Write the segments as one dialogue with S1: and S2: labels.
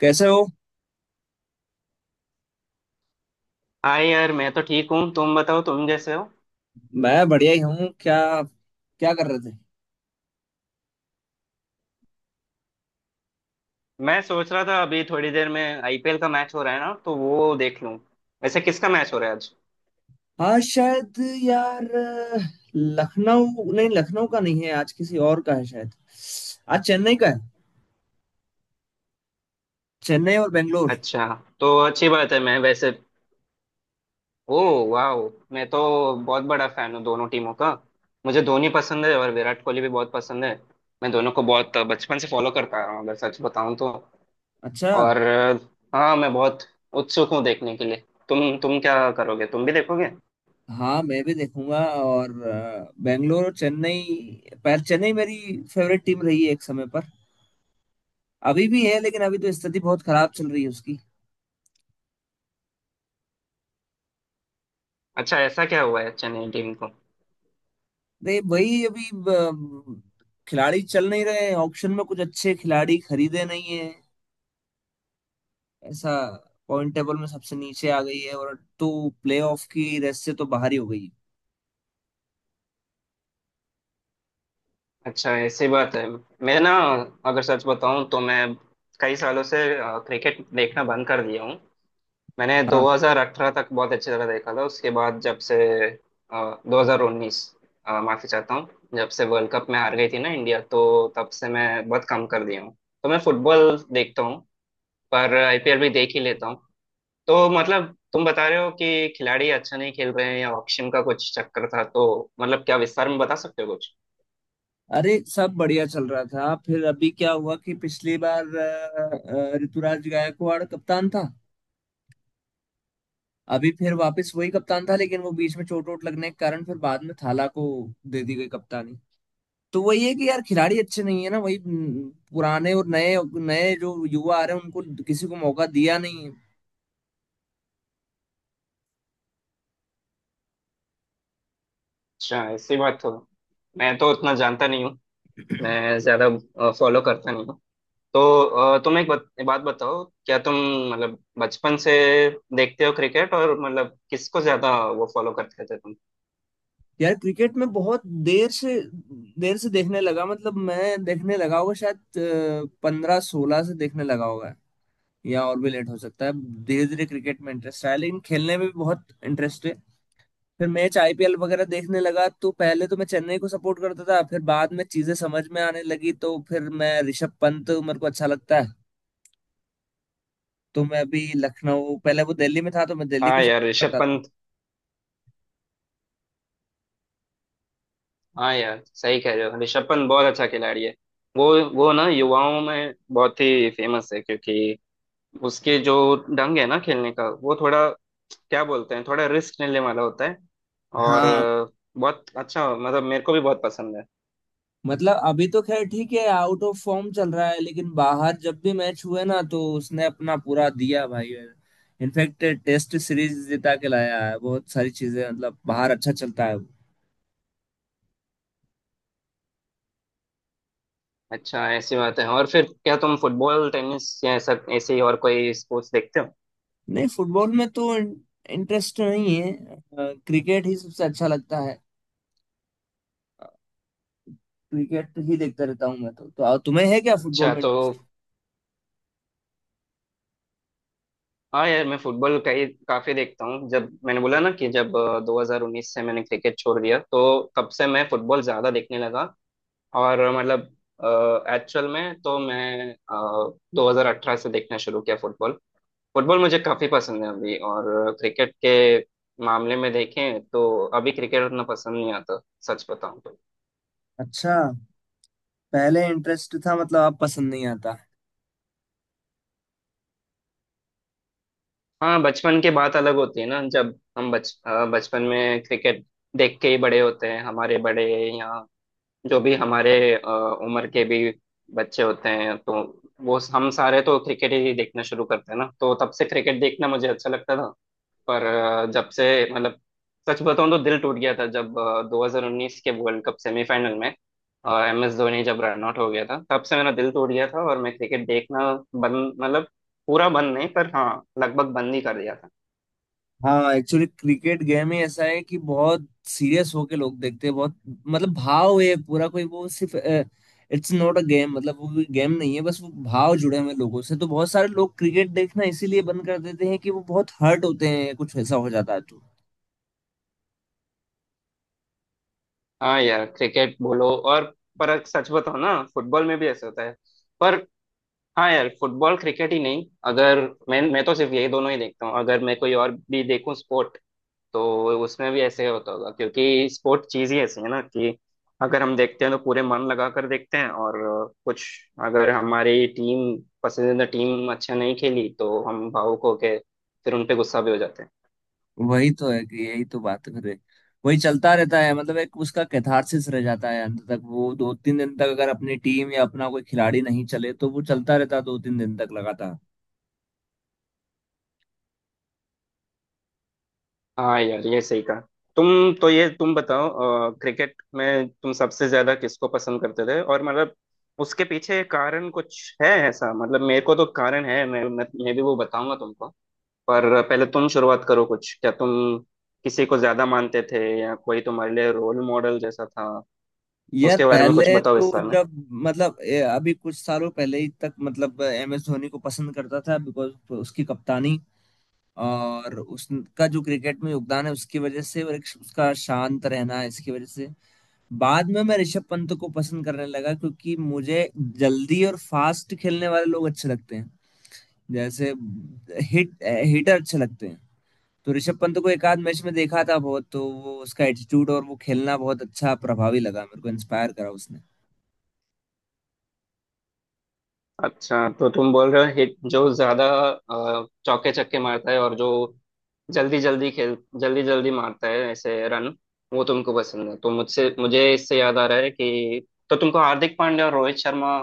S1: कैसे हो।
S2: हाय यार, मैं तो ठीक हूँ। तुम बताओ, तुम जैसे हो।
S1: मैं बढ़िया ही हूँ क्या। क्या कर रहे थे?
S2: मैं सोच रहा था अभी थोड़ी देर में आईपीएल का मैच हो रहा है ना, तो वो देख लूँ। वैसे किसका मैच हो रहा है आज?
S1: हाँ, शायद यार। लखनऊ नहीं, लखनऊ का नहीं है आज, किसी और का है शायद। आज चेन्नई का है। चेन्नई और बेंगलोर।
S2: अच्छा, तो अच्छी बात है। मैं वैसे। ओ। वाह। मैं तो बहुत बड़ा फैन हूँ दोनों टीमों का। मुझे धोनी पसंद है और विराट कोहली भी बहुत पसंद है। मैं दोनों को बहुत बचपन से फॉलो करता आ रहा हूँ, अगर सच बताऊँ तो।
S1: अच्छा।
S2: और हाँ, मैं बहुत उत्सुक हूँ देखने के लिए। तुम क्या करोगे? तुम भी देखोगे?
S1: हाँ, मैं भी देखूंगा। और बेंगलोर और चेन्नई, पर चेन्नई मेरी फेवरेट टीम रही है एक समय पर। अभी भी है, लेकिन अभी तो स्थिति बहुत खराब चल रही है उसकी।
S2: अच्छा, ऐसा क्या हुआ है चेन्नई टीम को?
S1: नहीं, वही अभी खिलाड़ी चल नहीं रहे। ऑक्शन में कुछ अच्छे खिलाड़ी खरीदे नहीं है ऐसा। पॉइंट टेबल में सबसे नीचे आ गई है और तो प्लेऑफ की रेस से तो बाहर ही हो गई।
S2: अच्छा ऐसी बात है। मैं ना, अगर सच बताऊं तो मैं कई सालों से क्रिकेट देखना बंद कर दिया हूँ। मैंने
S1: हाँ।
S2: 2018 तक बहुत अच्छी तरह देखा था। उसके बाद जब से 2019, माफी चाहता हूँ। जब से वर्ल्ड कप में हार गई थी ना इंडिया, तो तब से मैं बहुत कम कर दिया हूँ। तो मैं फुटबॉल देखता हूँ। पर आईपीएल भी देख ही लेता हूँ। तो मतलब तुम बता रहे हो कि खिलाड़ी अच्छा नहीं खेल रहे हैं या ऑक्शन का कुछ चक्कर था, तो मतलब क्या विस्तार में बता सकते हो कुछ?
S1: अरे, सब बढ़िया चल रहा था, फिर अभी क्या हुआ कि पिछली बार ऋतुराज गायकवाड़ कप्तान था। अभी फिर वापस वही कप्तान था, लेकिन वो बीच में चोट वोट लगने के कारण फिर बाद में थाला को दे दी गई कप्तानी। तो वही है कि यार खिलाड़ी अच्छे नहीं है ना। वही पुराने, और नए नए जो युवा आ रहे हैं उनको किसी को मौका दिया नहीं है।
S2: अच्छा ऐसी बात हो। मैं तो उतना जानता नहीं हूँ। मैं ज्यादा फॉलो करता नहीं हूँ तो। तुम एक बात बताओ, क्या तुम मतलब बचपन से देखते हो क्रिकेट और मतलब किसको ज्यादा वो फॉलो करते थे तुम?
S1: यार क्रिकेट में बहुत देर से देर से देखने लगा। मतलब मैं देखने लगा होगा शायद 15 16 से, देखने लगा होगा। या और भी लेट हो सकता है। धीरे धीरे क्रिकेट में इंटरेस्ट आया, लेकिन खेलने में भी बहुत इंटरेस्ट है। फिर मैच आईपीएल वगैरह देखने लगा, तो पहले तो मैं चेन्नई को सपोर्ट करता था। फिर बाद में चीजें समझ में आने लगी तो फिर मैं, ऋषभ पंत मेरे को अच्छा लगता है। तो मैं अभी लखनऊ, पहले वो दिल्ली में था तो मैं दिल्ली को
S2: हाँ यार,
S1: सपोर्ट
S2: ऋषभ
S1: करता था।
S2: पंत। हाँ यार, सही कह रहे हो, ऋषभ पंत बहुत अच्छा खिलाड़ी है। वो वो ना युवाओं में बहुत ही फेमस है, क्योंकि उसके जो ढंग है ना खेलने का, वो थोड़ा क्या बोलते हैं, थोड़ा रिस्क लेने वाला होता है। और
S1: हाँ।
S2: बहुत अच्छा, मतलब मेरे को भी बहुत पसंद है।
S1: मतलब अभी तो खैर ठीक है, आउट ऑफ फॉर्म चल रहा है, लेकिन बाहर जब भी मैच हुए ना तो उसने अपना पूरा दिया भाई। इनफैक्ट टेस्ट सीरीज जिता के लाया है, बहुत सारी चीजें मतलब बाहर अच्छा चलता है वो।
S2: अच्छा ऐसी बात है। और फिर क्या तुम फुटबॉल, टेनिस या सब ऐसे ही और कोई स्पोर्ट्स देखते हो?
S1: नहीं, फुटबॉल में तो इंटरेस्ट नहीं है। क्रिकेट ही सबसे अच्छा लगता है। क्रिकेट ही देखता रहता हूँ मैं तो तुम्हें है क्या फुटबॉल
S2: अच्छा
S1: में
S2: तो
S1: इंटरेस्ट?
S2: हाँ यार, मैं फुटबॉल कई काफी देखता हूँ। जब मैंने बोला ना कि जब 2019 से मैंने क्रिकेट छोड़ दिया, तो तब से मैं फुटबॉल ज्यादा देखने लगा। और मतलब एक्चुअल में तो मैं 2018 से देखना शुरू किया फुटबॉल। फुटबॉल मुझे काफी पसंद है अभी। और क्रिकेट के मामले में देखें तो अभी क्रिकेट उतना पसंद नहीं आता, सच बताऊं तो।
S1: अच्छा। पहले इंटरेस्ट था मतलब, अब पसंद नहीं आता?
S2: हाँ, बचपन की बात अलग होती है ना। जब हम बचपन में क्रिकेट देख के ही बड़े होते हैं, हमारे बड़े या जो भी हमारे उम्र के भी बच्चे होते हैं, तो वो हम सारे तो क्रिकेट ही देखना शुरू करते हैं ना, तो तब से क्रिकेट देखना मुझे अच्छा लगता था। पर जब से, मतलब सच बताऊं तो दिल टूट गया था जब 2019 के वर्ल्ड कप सेमीफाइनल में एम एस धोनी जब रन आउट हो गया था, तब से मेरा दिल टूट गया था और मैं क्रिकेट देखना बंद, मतलब पूरा बंद नहीं पर हाँ, लगभग बंद ही कर दिया था।
S1: हाँ, एक्चुअली क्रिकेट गेम ही ऐसा है कि बहुत सीरियस होके लोग देखते हैं। बहुत मतलब भाव है पूरा, कोई वो, सिर्फ इट्स नॉट अ गेम, मतलब वो कोई गेम नहीं है बस, वो भाव जुड़े हुए हैं लोगों से। तो बहुत सारे लोग क्रिकेट देखना इसीलिए बंद कर देते हैं कि वो बहुत हर्ट होते हैं, कुछ ऐसा हो जाता है तो।
S2: हाँ यार, क्रिकेट बोलो और, पर सच बताओ ना, फुटबॉल में भी ऐसे होता है। पर हाँ यार, फुटबॉल क्रिकेट ही नहीं, अगर मैं तो सिर्फ यही दोनों ही देखता हूँ। अगर मैं कोई और भी देखूँ स्पोर्ट तो उसमें भी ऐसे होता होगा, क्योंकि स्पोर्ट चीज ही ऐसी है ना कि अगर हम देखते हैं तो पूरे मन लगा कर देखते हैं, और कुछ, अगर हमारी टीम पसंदीदा टीम अच्छा नहीं खेली तो हम भावुक होके फिर उनपे गुस्सा भी हो जाते हैं।
S1: वही तो है, कि यही तो बात है फिर, वही चलता रहता है। मतलब एक उसका कैथारसिस रह जाता है अंत तक, वो 2 3 दिन तक, अगर अपनी टीम या अपना कोई खिलाड़ी नहीं चले तो वो चलता रहता है 2 3 दिन तक लगातार।
S2: हाँ यार ये सही कहा। तुम तो ये तुम बताओ, क्रिकेट में तुम सबसे ज्यादा किसको पसंद करते थे और मतलब उसके पीछे कारण कुछ है ऐसा? मतलब मेरे को तो कारण है, मैं भी वो बताऊंगा तुमको। पर पहले तुम शुरुआत करो कुछ, क्या तुम किसी को ज्यादा मानते थे या कोई तुम्हारे लिए रोल मॉडल जैसा था?
S1: यार
S2: उसके बारे में कुछ
S1: पहले
S2: बताओ
S1: तो,
S2: विस्तार में।
S1: जब मतलब अभी कुछ सालों पहले ही तक, मतलब एम एस धोनी को पसंद करता था, बिकॉज उसकी कप्तानी और उसका जो क्रिकेट में योगदान है उसकी वजह से, और एक उसका शांत रहना है इसकी वजह से। बाद में मैं ऋषभ पंत को पसंद करने लगा, क्योंकि मुझे जल्दी और फास्ट खेलने वाले लोग अच्छे लगते हैं। जैसे हिट, हिटर अच्छे लगते हैं। तो ऋषभ पंत को एक आध मैच में देखा था बहुत, तो वो उसका एटीट्यूड और वो खेलना बहुत अच्छा, प्रभावी लगा मेरे को, इंस्पायर करा उसने।
S2: अच्छा, तो तुम बोल रहे हो हिट जो ज्यादा चौके छक्के मारता है और जो जल्दी जल्दी खेल जल्दी जल्दी मारता है ऐसे रन, वो तुमको पसंद है। तो मुझसे मुझे इससे याद आ रहा है कि तो तुमको हार्दिक पांड्या और रोहित शर्मा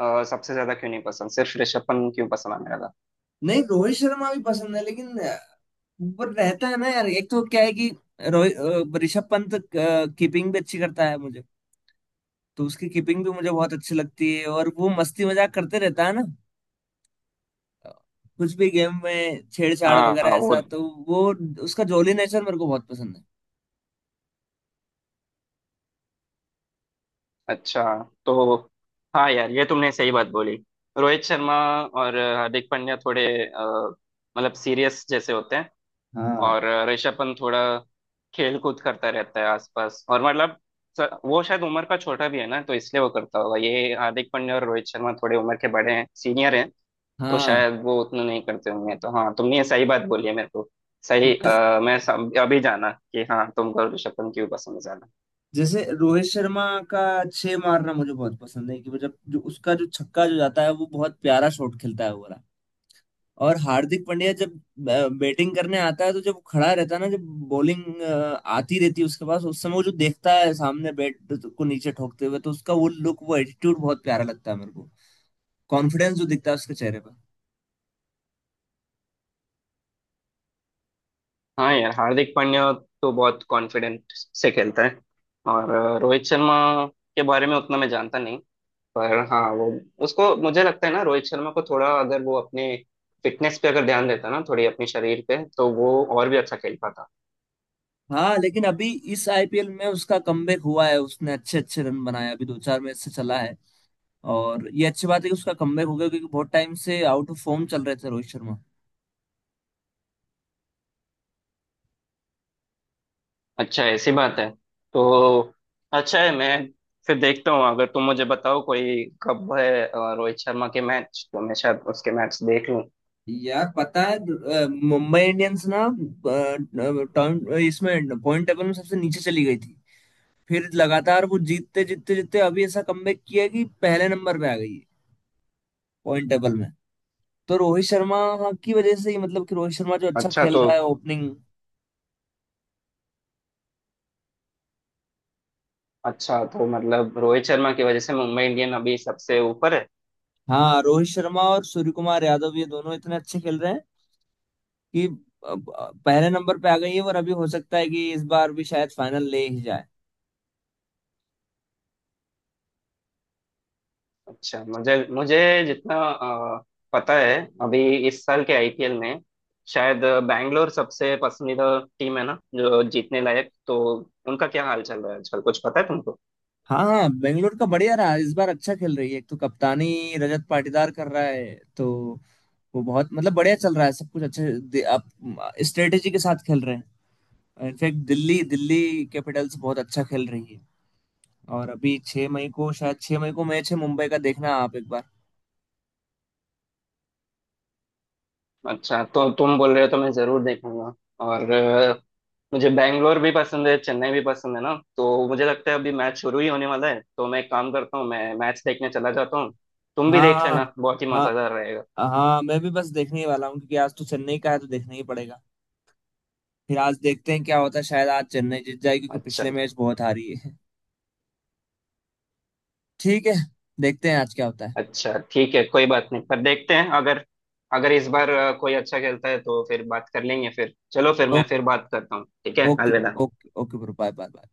S2: सबसे ज्यादा क्यों नहीं पसंद, सिर्फ ऋषभ पंत क्यों पसंद आने लगा?
S1: नहीं, रोहित शर्मा भी पसंद है, लेकिन पर रहता है ना यार। एक तो क्या है कि ऋषभ पंत कीपिंग भी अच्छी करता है मुझे। तो उसकी कीपिंग भी मुझे बहुत अच्छी लगती है, और वो मस्ती मजाक करते रहता है ना, कुछ भी गेम में छेड़छाड़
S2: हाँ
S1: वगैरह
S2: हाँ, वो।
S1: ऐसा तो। वो उसका जॉली नेचर मेरे को बहुत पसंद है।
S2: अच्छा। तो हाँ यार, ये तुमने सही बात बोली। रोहित शर्मा और हार्दिक पांड्या थोड़े मतलब सीरियस जैसे होते हैं।
S1: हाँ,
S2: और ऋषभ पंत थोड़ा खेल कूद करता रहता है आसपास, और मतलब वो शायद उम्र का छोटा भी है ना, तो इसलिए वो करता होगा ये। हार्दिक पांड्या और रोहित शर्मा थोड़े उम्र के बड़े हैं, सीनियर हैं। तो
S1: हाँ।
S2: शायद वो उतना नहीं करते होंगे। तो हाँ, तुमने ये सही बात बोली है मेरे को सही।
S1: जैस-
S2: मैं अभी जाना कि हाँ, तुमको ऋषभ पंत क्यों पसंद है ज्यादा।
S1: जैसे रोहित शर्मा का छह मारना मुझे बहुत पसंद है, कि वो जब, जो उसका जो छक्का जो जाता है, वो बहुत प्यारा शॉट खेलता है वो वाला। और हार्दिक पांड्या जब बैटिंग करने आता है, तो जब खड़ा रहता है ना, जब बॉलिंग आती रहती है उसके पास, उस समय वो जो देखता है सामने, बैट को नीचे ठोकते हुए, तो उसका वो लुक, वो एटीट्यूड बहुत प्यारा लगता है मेरे को। कॉन्फिडेंस जो दिखता है उसके चेहरे पर।
S2: हाँ यार, हार्दिक पांड्या तो बहुत कॉन्फिडेंट से खेलता है। और रोहित शर्मा के बारे में उतना मैं जानता नहीं, पर हाँ वो, उसको मुझे लगता है ना, रोहित शर्मा को थोड़ा अगर वो अपने फिटनेस पे अगर ध्यान देता ना थोड़ी अपने शरीर पे, तो वो और भी अच्छा खेल पाता।
S1: हाँ, लेकिन अभी इस आईपीएल में उसका कमबैक हुआ है, उसने अच्छे अच्छे रन बनाए, अभी 2 4 मैच से चला है। और ये अच्छी बात है कि उसका कमबैक हो गया, क्योंकि बहुत टाइम से आउट ऑफ फॉर्म चल रहे थे रोहित शर्मा।
S2: अच्छा ऐसी बात है। तो अच्छा है, मैं फिर देखता हूँ। अगर तुम मुझे बताओ कोई कब है रोहित शर्मा के मैच, तो मैं शायद उसके मैच देख लूँ।
S1: यार पता है मुंबई इंडियंस ना, इसमें पॉइंट टेबल में सबसे नीचे चली गई थी। फिर लगातार वो जीतते जीतते जीतते अभी ऐसा कमबैक किया कि पहले नंबर पे आ गई है पॉइंट टेबल में। तो रोहित शर्मा की वजह से ही, मतलब कि रोहित शर्मा जो अच्छा
S2: अच्छा
S1: खेल
S2: तो
S1: रहा है ओपनिंग।
S2: अच्छा तो मतलब रोहित शर्मा की वजह से मुंबई इंडियन अभी सबसे ऊपर है।
S1: हाँ, रोहित शर्मा और सूर्य कुमार यादव ये दोनों इतने अच्छे खेल रहे हैं कि अब, पहले नंबर पे आ गई है। और अभी हो सकता है कि इस बार भी शायद फाइनल ले ही जाए।
S2: अच्छा, मुझे मुझे जितना पता है, अभी इस साल के आईपीएल में शायद बैंगलोर सबसे पसंदीदा टीम है ना, जो जीतने लायक। तो उनका क्या हाल चल रहा है आजकल, कुछ पता है तुमको?
S1: हाँ, बेंगलोर का बढ़िया रहा इस बार, अच्छा खेल रही है। एक तो कप्तानी रजत पाटीदार कर रहा है, तो वो बहुत मतलब बढ़िया चल रहा है सब कुछ। अच्छे आप स्ट्रेटेजी के साथ खेल रहे हैं। इनफैक्ट दिल्ली दिल्ली कैपिटल्स बहुत अच्छा खेल रही है। और अभी 6 मई को, शायद 6 मई को मैच है मुंबई का, देखना आप एक बार।
S2: अच्छा, तो तुम बोल रहे हो तो मैं जरूर देखूंगा। और मुझे बैंगलोर भी पसंद है, चेन्नई भी पसंद है ना, तो मुझे लगता है अभी मैच शुरू ही होने वाला है, तो मैं एक काम करता हूँ, मैं मैच देखने चला जाता हूँ। तुम भी देख
S1: हाँ,
S2: लेना, बहुत ही
S1: हाँ,
S2: मजेदार रहेगा।
S1: हाँ। हाँ, मैं भी बस देखने ही वाला हूँ, क्योंकि आज तो चेन्नई का है तो देखना ही पड़ेगा। फिर आज देखते हैं क्या होता है, शायद आज चेन्नई जीत जाए, क्योंकि
S2: अच्छा।
S1: पिछले मैच बहुत हारी है। ठीक है, देखते हैं आज क्या होता है।
S2: अच्छा ठीक है, कोई बात नहीं। पर देखते हैं, अगर अगर इस बार कोई अच्छा खेलता है तो फिर बात कर लेंगे। फिर चलो, फिर मैं
S1: ओके।
S2: फिर बात करता हूँ, ठीक है,
S1: ओके,
S2: अलविदा।
S1: Okay, okay bro, bye bye bye.